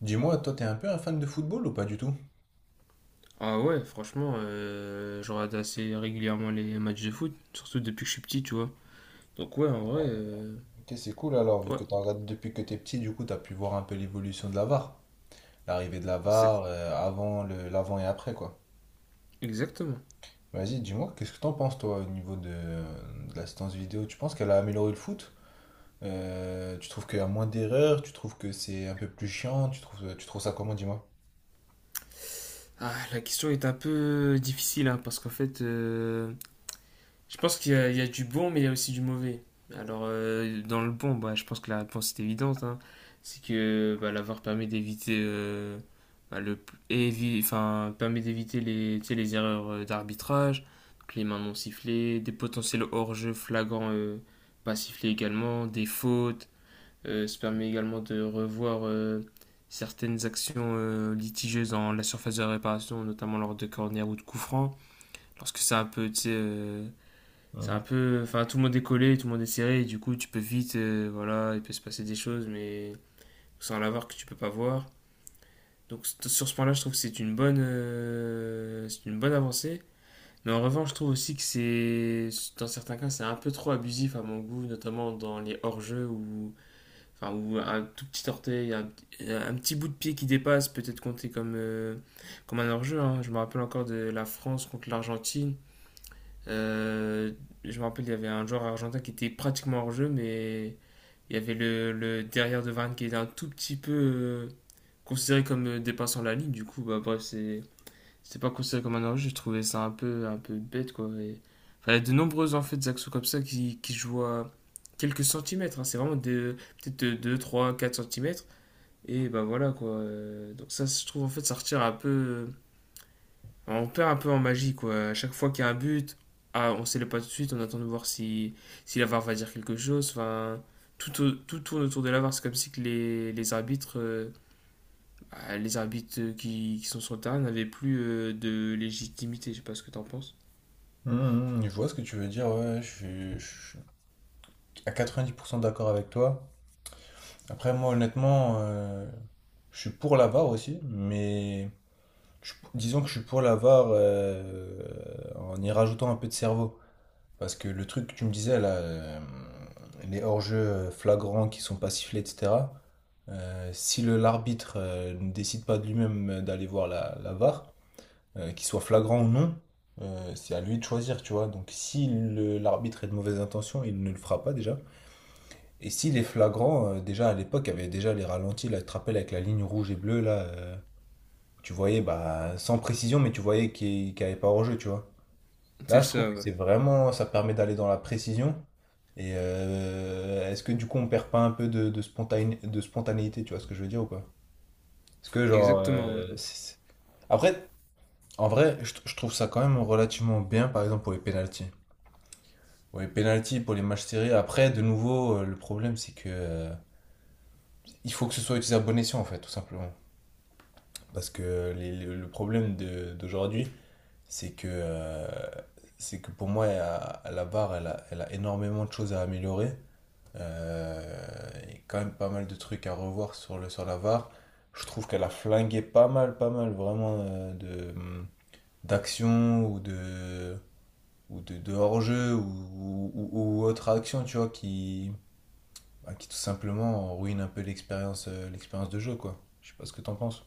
Dis-moi, toi, t'es un peu un fan de football ou pas du tout? Ah ouais, franchement, je regarde assez régulièrement les matchs de foot, surtout depuis que je suis petit, tu vois. Donc ouais, en vrai, Ok, c'est cool alors, vu ouais, que t'en regardes depuis que t'es petit, du coup, t'as pu voir un peu l'évolution de la VAR. L'arrivée de la c'est VAR, avant l'avant et après, quoi. exactement. Vas-y, dis-moi, qu'est-ce que t'en penses, toi, au niveau de l'assistance vidéo? Tu penses qu'elle a amélioré le foot? Tu trouves qu'il y a moins d'erreurs? Tu trouves que c'est un peu plus chiant? Tu trouves ça comment, dis-moi? Ah, la question est un peu difficile, hein, parce qu'en fait, je pense qu'il y a du bon, mais il y a aussi du mauvais. Alors, dans le bon, bah, je pense que la réponse est évidente, hein. C'est que bah, l'avoir permet d'éviter, bah, le enfin, permet d'éviter les, tu sais, les erreurs, d'arbitrage, donc les mains non sifflées, des potentiels hors-jeu flagrants, pas sifflés également, des fautes. Ça permet également de revoir, certaines actions, litigieuses dans la surface de réparation, notamment lors de corner ou de coup franc, lorsque c'est un peu, tu sais, c'est Hmm. un peu. Enfin, tout le monde est collé, tout le monde est serré, et du coup, tu peux vite, voilà, il peut se passer des choses, mais sans l'avoir que tu peux pas voir. Donc, sur ce point-là, je trouve que c'est une bonne avancée. Mais en revanche, je trouve aussi que c'est, dans certains cas, c'est un peu trop abusif à mon goût, notamment dans les hors-jeux où, enfin, où un tout petit orteil, un petit bout de pied qui dépasse peut être compté comme un hors-jeu, hein. Je me rappelle encore de la France contre l'Argentine, euh, je me rappelle, il y avait un joueur argentin qui était pratiquement hors jeu, mais il y avait le derrière de Varane qui était un tout petit peu, considéré comme, dépassant la ligne. Du coup, bah, bref, c'est pas considéré comme un hors jeu. Je trouvais ça un peu bête, quoi. Enfin, il y a de nombreuses en fait actions comme ça qui jouent à quelques centimètres, hein. C'est vraiment peut-être 2, 3, 4 centimètres. Et bah voilà, quoi. Donc ça, je trouve en fait, ça retire un peu, enfin, on perd un peu en magie, quoi. À chaque fois qu'il y a un but, ah, on célèbre pas tout de suite, on attend de voir si, si la VAR va dire quelque chose. Enfin, tout tourne autour de la VAR. C'est comme si que les arbitres qui sont sur le terrain n'avaient plus, de légitimité. Je sais pas ce que t'en penses. Mmh, mmh, je vois ce que tu veux dire, ouais, je suis à 90% d'accord avec toi. Après, moi, honnêtement, je suis pour la VAR aussi, mais je- disons que je suis pour la VAR, en y rajoutant un peu de cerveau. Parce que le truc que tu me disais, là, les hors-jeux, flagrants qui sont pas sifflés, etc., si l'arbitre, ne décide pas de lui-même d'aller voir la VAR, qu'il soit flagrant ou non, c'est à lui de choisir, tu vois. Donc si le- l'arbitre est de mauvaise intention, il ne le fera pas déjà. Et s'il est flagrant, déjà à l'époque, il y avait déjà les ralentis, là, tu te rappelles, avec la ligne rouge et bleue, là, où tu voyais, bah, sans précision, mais tu voyais qu'il n'y avait pas hors-jeu, tu vois. Là, C'est je trouve ça, que ouais. c'est vraiment, ça permet d'aller dans la précision. Et est-ce que du coup on perd pas un peu de spontané- de spontanéité, tu vois ce que je veux dire ou pas? Parce que genre Exactement, ouais. C'est- après. En vrai, je, t- je trouve ça quand même relativement bien, par exemple, pour les pénaltys. Pour les pénaltys, pour les matchs serrés. Après, de nouveau, le problème, c'est que il faut que ce soit utilisé à bon escient, en fait, tout simplement. Parce que les- le problème de- d'aujourd'hui, c'est que, euh, c'est que pour moi, à la barre, elle a énormément de choses à améliorer. Euh, Il y a quand même pas mal de trucs à revoir sur sur la VAR. Je trouve qu'elle a flingué pas mal, vraiment, de, d'actions ou de, ou de hors-jeu ou- autre action, tu vois, qui, bah, qui tout simplement ruine un peu l'expérience, l'expérience de jeu, quoi. Je sais pas ce que t'en penses.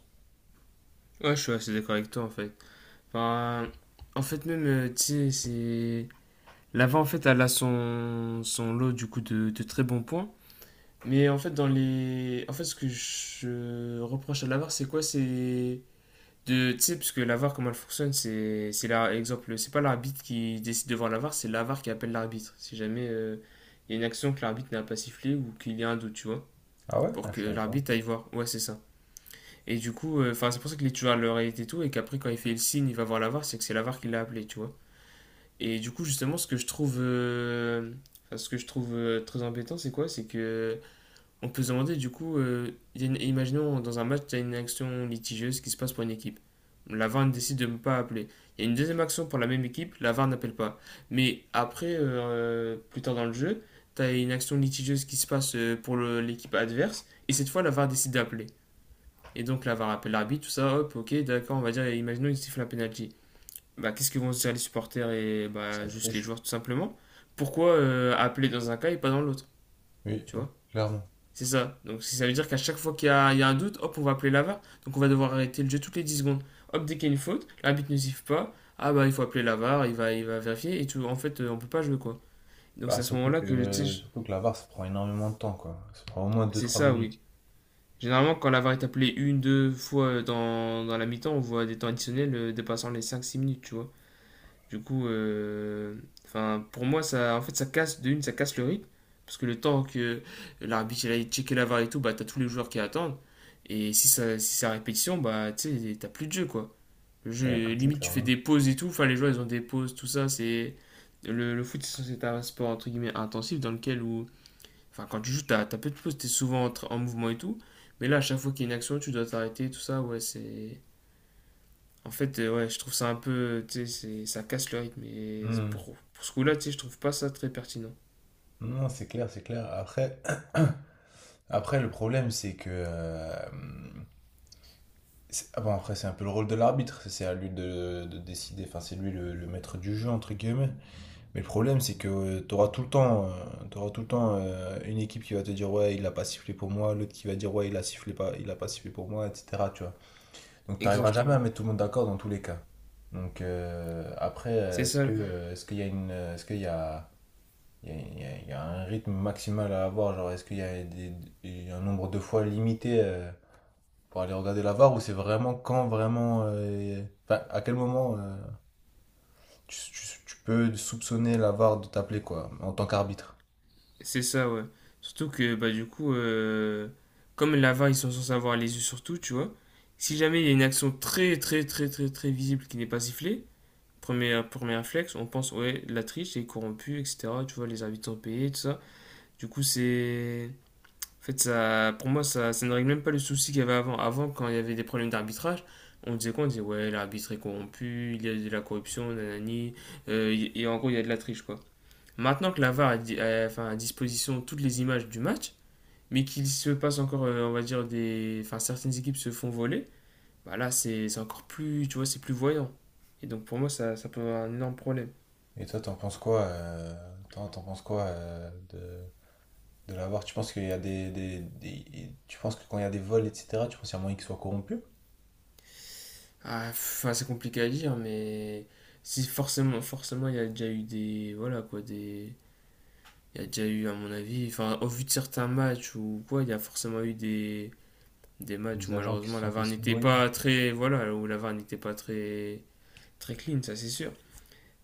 Ouais, je suis assez d'accord avec toi, en fait. Enfin, en fait, même, tu sais, l'avant en fait, elle a son lot, du coup, de très bons points. Mais en fait, dans les. en fait, ce que je reproche à l'avare, c'est quoi? C'est de... Tu sais, parce que l'avare, comment elle fonctionne, C'est là, exemple, c'est pas l'arbitre qui décide devant l'avare, c'est l'avare qui appelle l'arbitre. Si jamais, il y a une action que l'arbitre n'a pas sifflée ou qu'il y a un doute, tu vois. Ah ouais? Pour Ah, que je savais pas. l'arbitre aille voir. Ouais, c'est ça. Et du coup, enfin, c'est pour ça qu'il est toujours à l'oreillette et tout, et qu'après, quand il fait le signe, il va voir l'avare, c'est que c'est l'avare qui l'a appelé, tu vois. Et du coup, justement, ce que je trouve, très embêtant, c'est quoi? C'est que. On peut se demander du coup, imaginons dans un match, il y a une action litigieuse qui se passe pour une équipe. La VAR décide de ne pas appeler. Il y a une deuxième action pour la même équipe, la VAR n'appelle pas. Mais après, plus tard dans le jeu, tu as une action litigieuse qui se passe, l'équipe adverse, et cette fois, la VAR décide d'appeler. Et donc la VAR appelle l'arbitre, tout ça, hop, ok, d'accord, on va dire, imaginons, il siffle un penalty. Bah, qu'est-ce que vont se dire les supporters et bah, Ça se juste les triche. joueurs, tout simplement? Pourquoi, appeler dans un cas et pas dans l'autre? Oui, Tu vois, clairement. c'est ça. Donc si ça veut dire qu'à chaque fois qu'il y a un doute, hop, on va appeler l'avare. Donc on va devoir arrêter le jeu toutes les 10 secondes. Hop, dès qu'il y a une faute, l'arbitre ne siffle pas. Ah bah il faut appeler l'avare, il va vérifier et tout. En fait, on peut pas jouer, quoi. Donc c'est Bah, à ce surtout moment-là que tu que, sais, surtout que la VAR, ça prend énormément de temps, quoi. Ça prend au moins deux c'est trois ça, oui. minutes. Généralement, quand l'avare est appelé une, deux fois, dans la mi-temps, on voit des temps additionnels, dépassant les 5 6 minutes, tu vois. Du coup, enfin, pour moi, ça, en fait, ça casse, de une, ça casse le rythme. Parce que le temps que l'arbitre il aille checker la VAR et tout, bah, t'as tous les joueurs qui attendent. Et si c'est à répétition, bah, tu sais, t'as plus de jeu, quoi. Le Il n'y a jeu, plus de jeu, limite, tu fais clairement. des pauses et tout. Enfin, les joueurs, ils ont des pauses, tout ça. C'est le foot, c'est censé être un sport, entre guillemets, intensif, dans lequel, où, enfin, quand tu joues, t'as peu de pauses, t'es souvent en mouvement et tout. Mais là, à chaque fois qu'il y a une action, tu dois t'arrêter, tout ça. Ouais, c'est. en fait, ouais, je trouve ça un peu, tu sais, ça casse le rythme. Et Hmm. pour ce coup-là, tu sais, je trouve pas ça très pertinent. Non, c'est clair. Après, après le problème, c'est que... c'est- ah bon, après, c'est un peu le rôle de l'arbitre. C'est à lui de décider. Enfin, c'est lui le maître du jeu, entre guillemets. Mais le problème, c'est que tu auras tout le temps, t'auras tout le temps une équipe qui va te dire ouais, il a pas sifflé pour moi, l'autre qui va dire ouais, il a sifflé pas, il a pas sifflé pour moi, etc. Tu vois. Donc tu n'arriveras jamais à Exactement. mettre tout le monde d'accord dans tous les cas. Donc après, C'est est-ce que ça, est-ce qu'il y a une, est-ce qu'il y a, il y a, il y a- il y a un rythme maximal à avoir, genre est-ce qu'il y a des- il y a un nombre de fois limité pour aller regarder la VAR ou c'est vraiment quand vraiment, enfin à quel moment tu- tu peux soupçonner la VAR de t'appeler quoi, en tant qu'arbitre? c'est ça, ouais. Surtout que, bah, du coup, comme la VAR, ils sont censés avoir les yeux sur tout, tu vois. Si jamais il y a une action très, très, très, très, très visible qui n'est pas sifflée, premier, premier réflexe, on pense, ouais, la triche est corrompue, etc. Tu vois, les arbitres sont payés, tout ça. Du coup, c'est en fait, ça, pour moi, ça ne règle même pas le souci qu'il y avait avant. Avant, quand il y avait des problèmes d'arbitrage, on disait quoi? On disait, ouais, l'arbitre est corrompu, il y a de la corruption, nanani, et en gros, il y a de la triche, quoi. Maintenant que la VAR a, R a, di- a- enfin, à disposition toutes les images du match, mais qu'il se passe encore, on va dire, enfin, certaines équipes se font voler, bah là, c'est encore plus, tu vois, c'est plus voyant. Et donc, pour moi, ça peut avoir un énorme problème. Et toi, t'en penses quoi, t'en penses quoi de l'avoir? Tu penses qu'il y a des- tu penses que quand il y a des vols, etc., tu penses qu'il y a moyen qu'ils soient corrompus? Ah, enfin, c'est compliqué à dire, mais si forcément, forcément, il y a déjà eu des, voilà, quoi, des il y a déjà eu, à mon avis, enfin, au vu de certains matchs ou quoi, il y a forcément eu des matchs où Des agents qui se malheureusement sont la fait VAR n'était soudoyer, pas très, voilà, où la VAR n'était pas très, très clean, ça c'est sûr.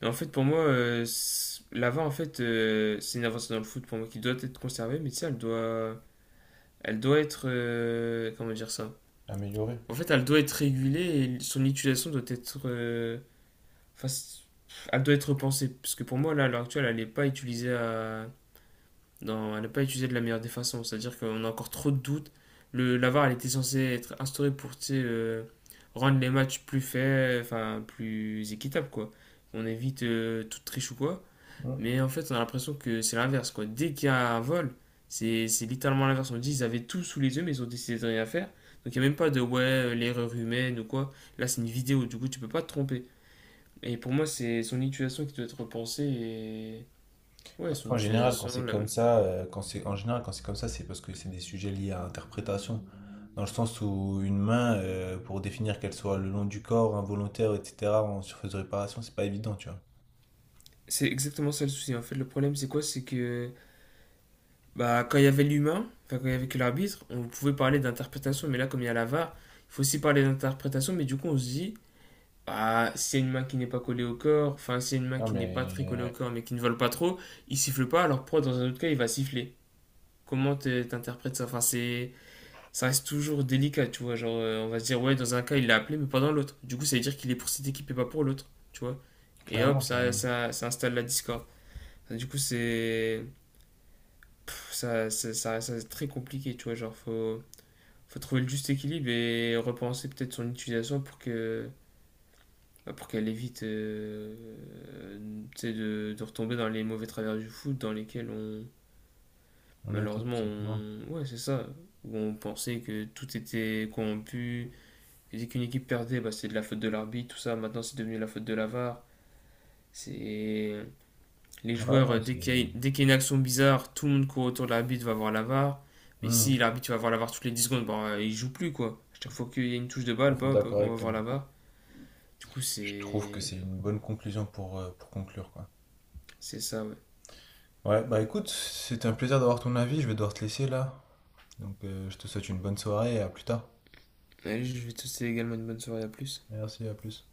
Mais en fait, pour moi, la VAR, en fait, c'est une avancée dans le foot pour moi qui doit être conservée, mais tu sais, elle doit, être, comment dire ça? améliorer. En fait, elle doit être régulée et son utilisation doit être, enfin, elle doit être repensée, parce que pour moi, là, à l'heure actuelle, elle n'est pas utilisée à non, elle n'est pas utilisée de la meilleure des façons. C'est-à-dire qu'on a encore trop de doutes. La VAR, elle était censée être instaurée pour, tu sais, rendre les matchs plus faits, enfin plus équitables, quoi. On évite, toute triche ou quoi. Ouais. Mais en fait, on a l'impression que c'est l'inverse, quoi. Dès qu'il y a un vol, c'est littéralement l'inverse. On dit ils avaient tout sous les yeux, mais ils ont décidé de rien faire. Donc il n'y a même pas de ouais, l'erreur humaine ou quoi. Là, c'est une vidéo, du coup, tu peux pas te tromper. Et pour moi, c'est son utilisation qui doit être repensée. Et... ouais, son Après, en général, quand utilisation, c'est comme ça, quand c'est comme ça, c'est parce que c'est des sujets liés à l'interprétation, dans le sens où une main, pour définir qu'elle soit le long du corps, involontaire, etc., en surface de réparation, c'est pas évident, tu vois. c'est exactement ça le souci. En fait, le problème, c'est quoi? C'est que bah, quand il y avait l'humain, enfin, quand il y avait que l'arbitre, on pouvait parler d'interprétation, mais là, comme il y a la VAR, il faut aussi parler d'interprétation, mais du coup, on se dit, bah, s'il y a une main qui n'est pas collée au corps, enfin, s'il y a une main Non, qui n'est pas très collée au mais corps, mais qui ne vole pas trop, il siffle pas, alors pourquoi dans un autre cas, il va siffler? Comment t'interprètes ça? Enfin, c'est... ça reste toujours délicat, tu vois. Genre, on va se dire, ouais, dans un cas, il l'a appelé, mais pas dans l'autre. Du coup, ça veut dire qu'il est pour cette équipe et pas pour l'autre, tu vois. Et clairement, hop, ça, clairement. ça, ça installe la discorde. Enfin, du coup, ça reste très compliqué, tu vois, genre faut trouver le juste équilibre et repenser peut-être son utilisation pour que bah, pour qu'elle évite, tu sais, de retomber dans les mauvais travers du foot dans lesquels on On était tout malheureusement simplement. on ouais c'est ça, où on pensait que tout était corrompu et dès qu'une équipe perdait bah, c'est de la faute de l'arbitre, tout ça, maintenant c'est devenu la faute de la VAR. C'est Les Ouais, joueurs, non, c'est. Dès qu'il y a une action bizarre, tout le monde court autour de l'arbitre, va voir la VAR. Mais Hmm, si l'arbitre va voir la VAR toutes les 10 secondes, bah, il joue plus, quoi. À chaque fois qu'il y a une touche de tout à balle, fait bah, bah, d'accord on va avec voir toi. la VAR. Du coup, Je trouve que c'est. c'est une bonne conclusion pour conclure, quoi. C'est ça, ouais. Ouais, bah écoute, c'était un plaisir d'avoir ton avis. Je vais devoir te laisser là. Donc, je te souhaite une bonne soirée et à plus tard. Allez, je vais te souhaiter également une bonne soirée, à plus. Merci, à plus.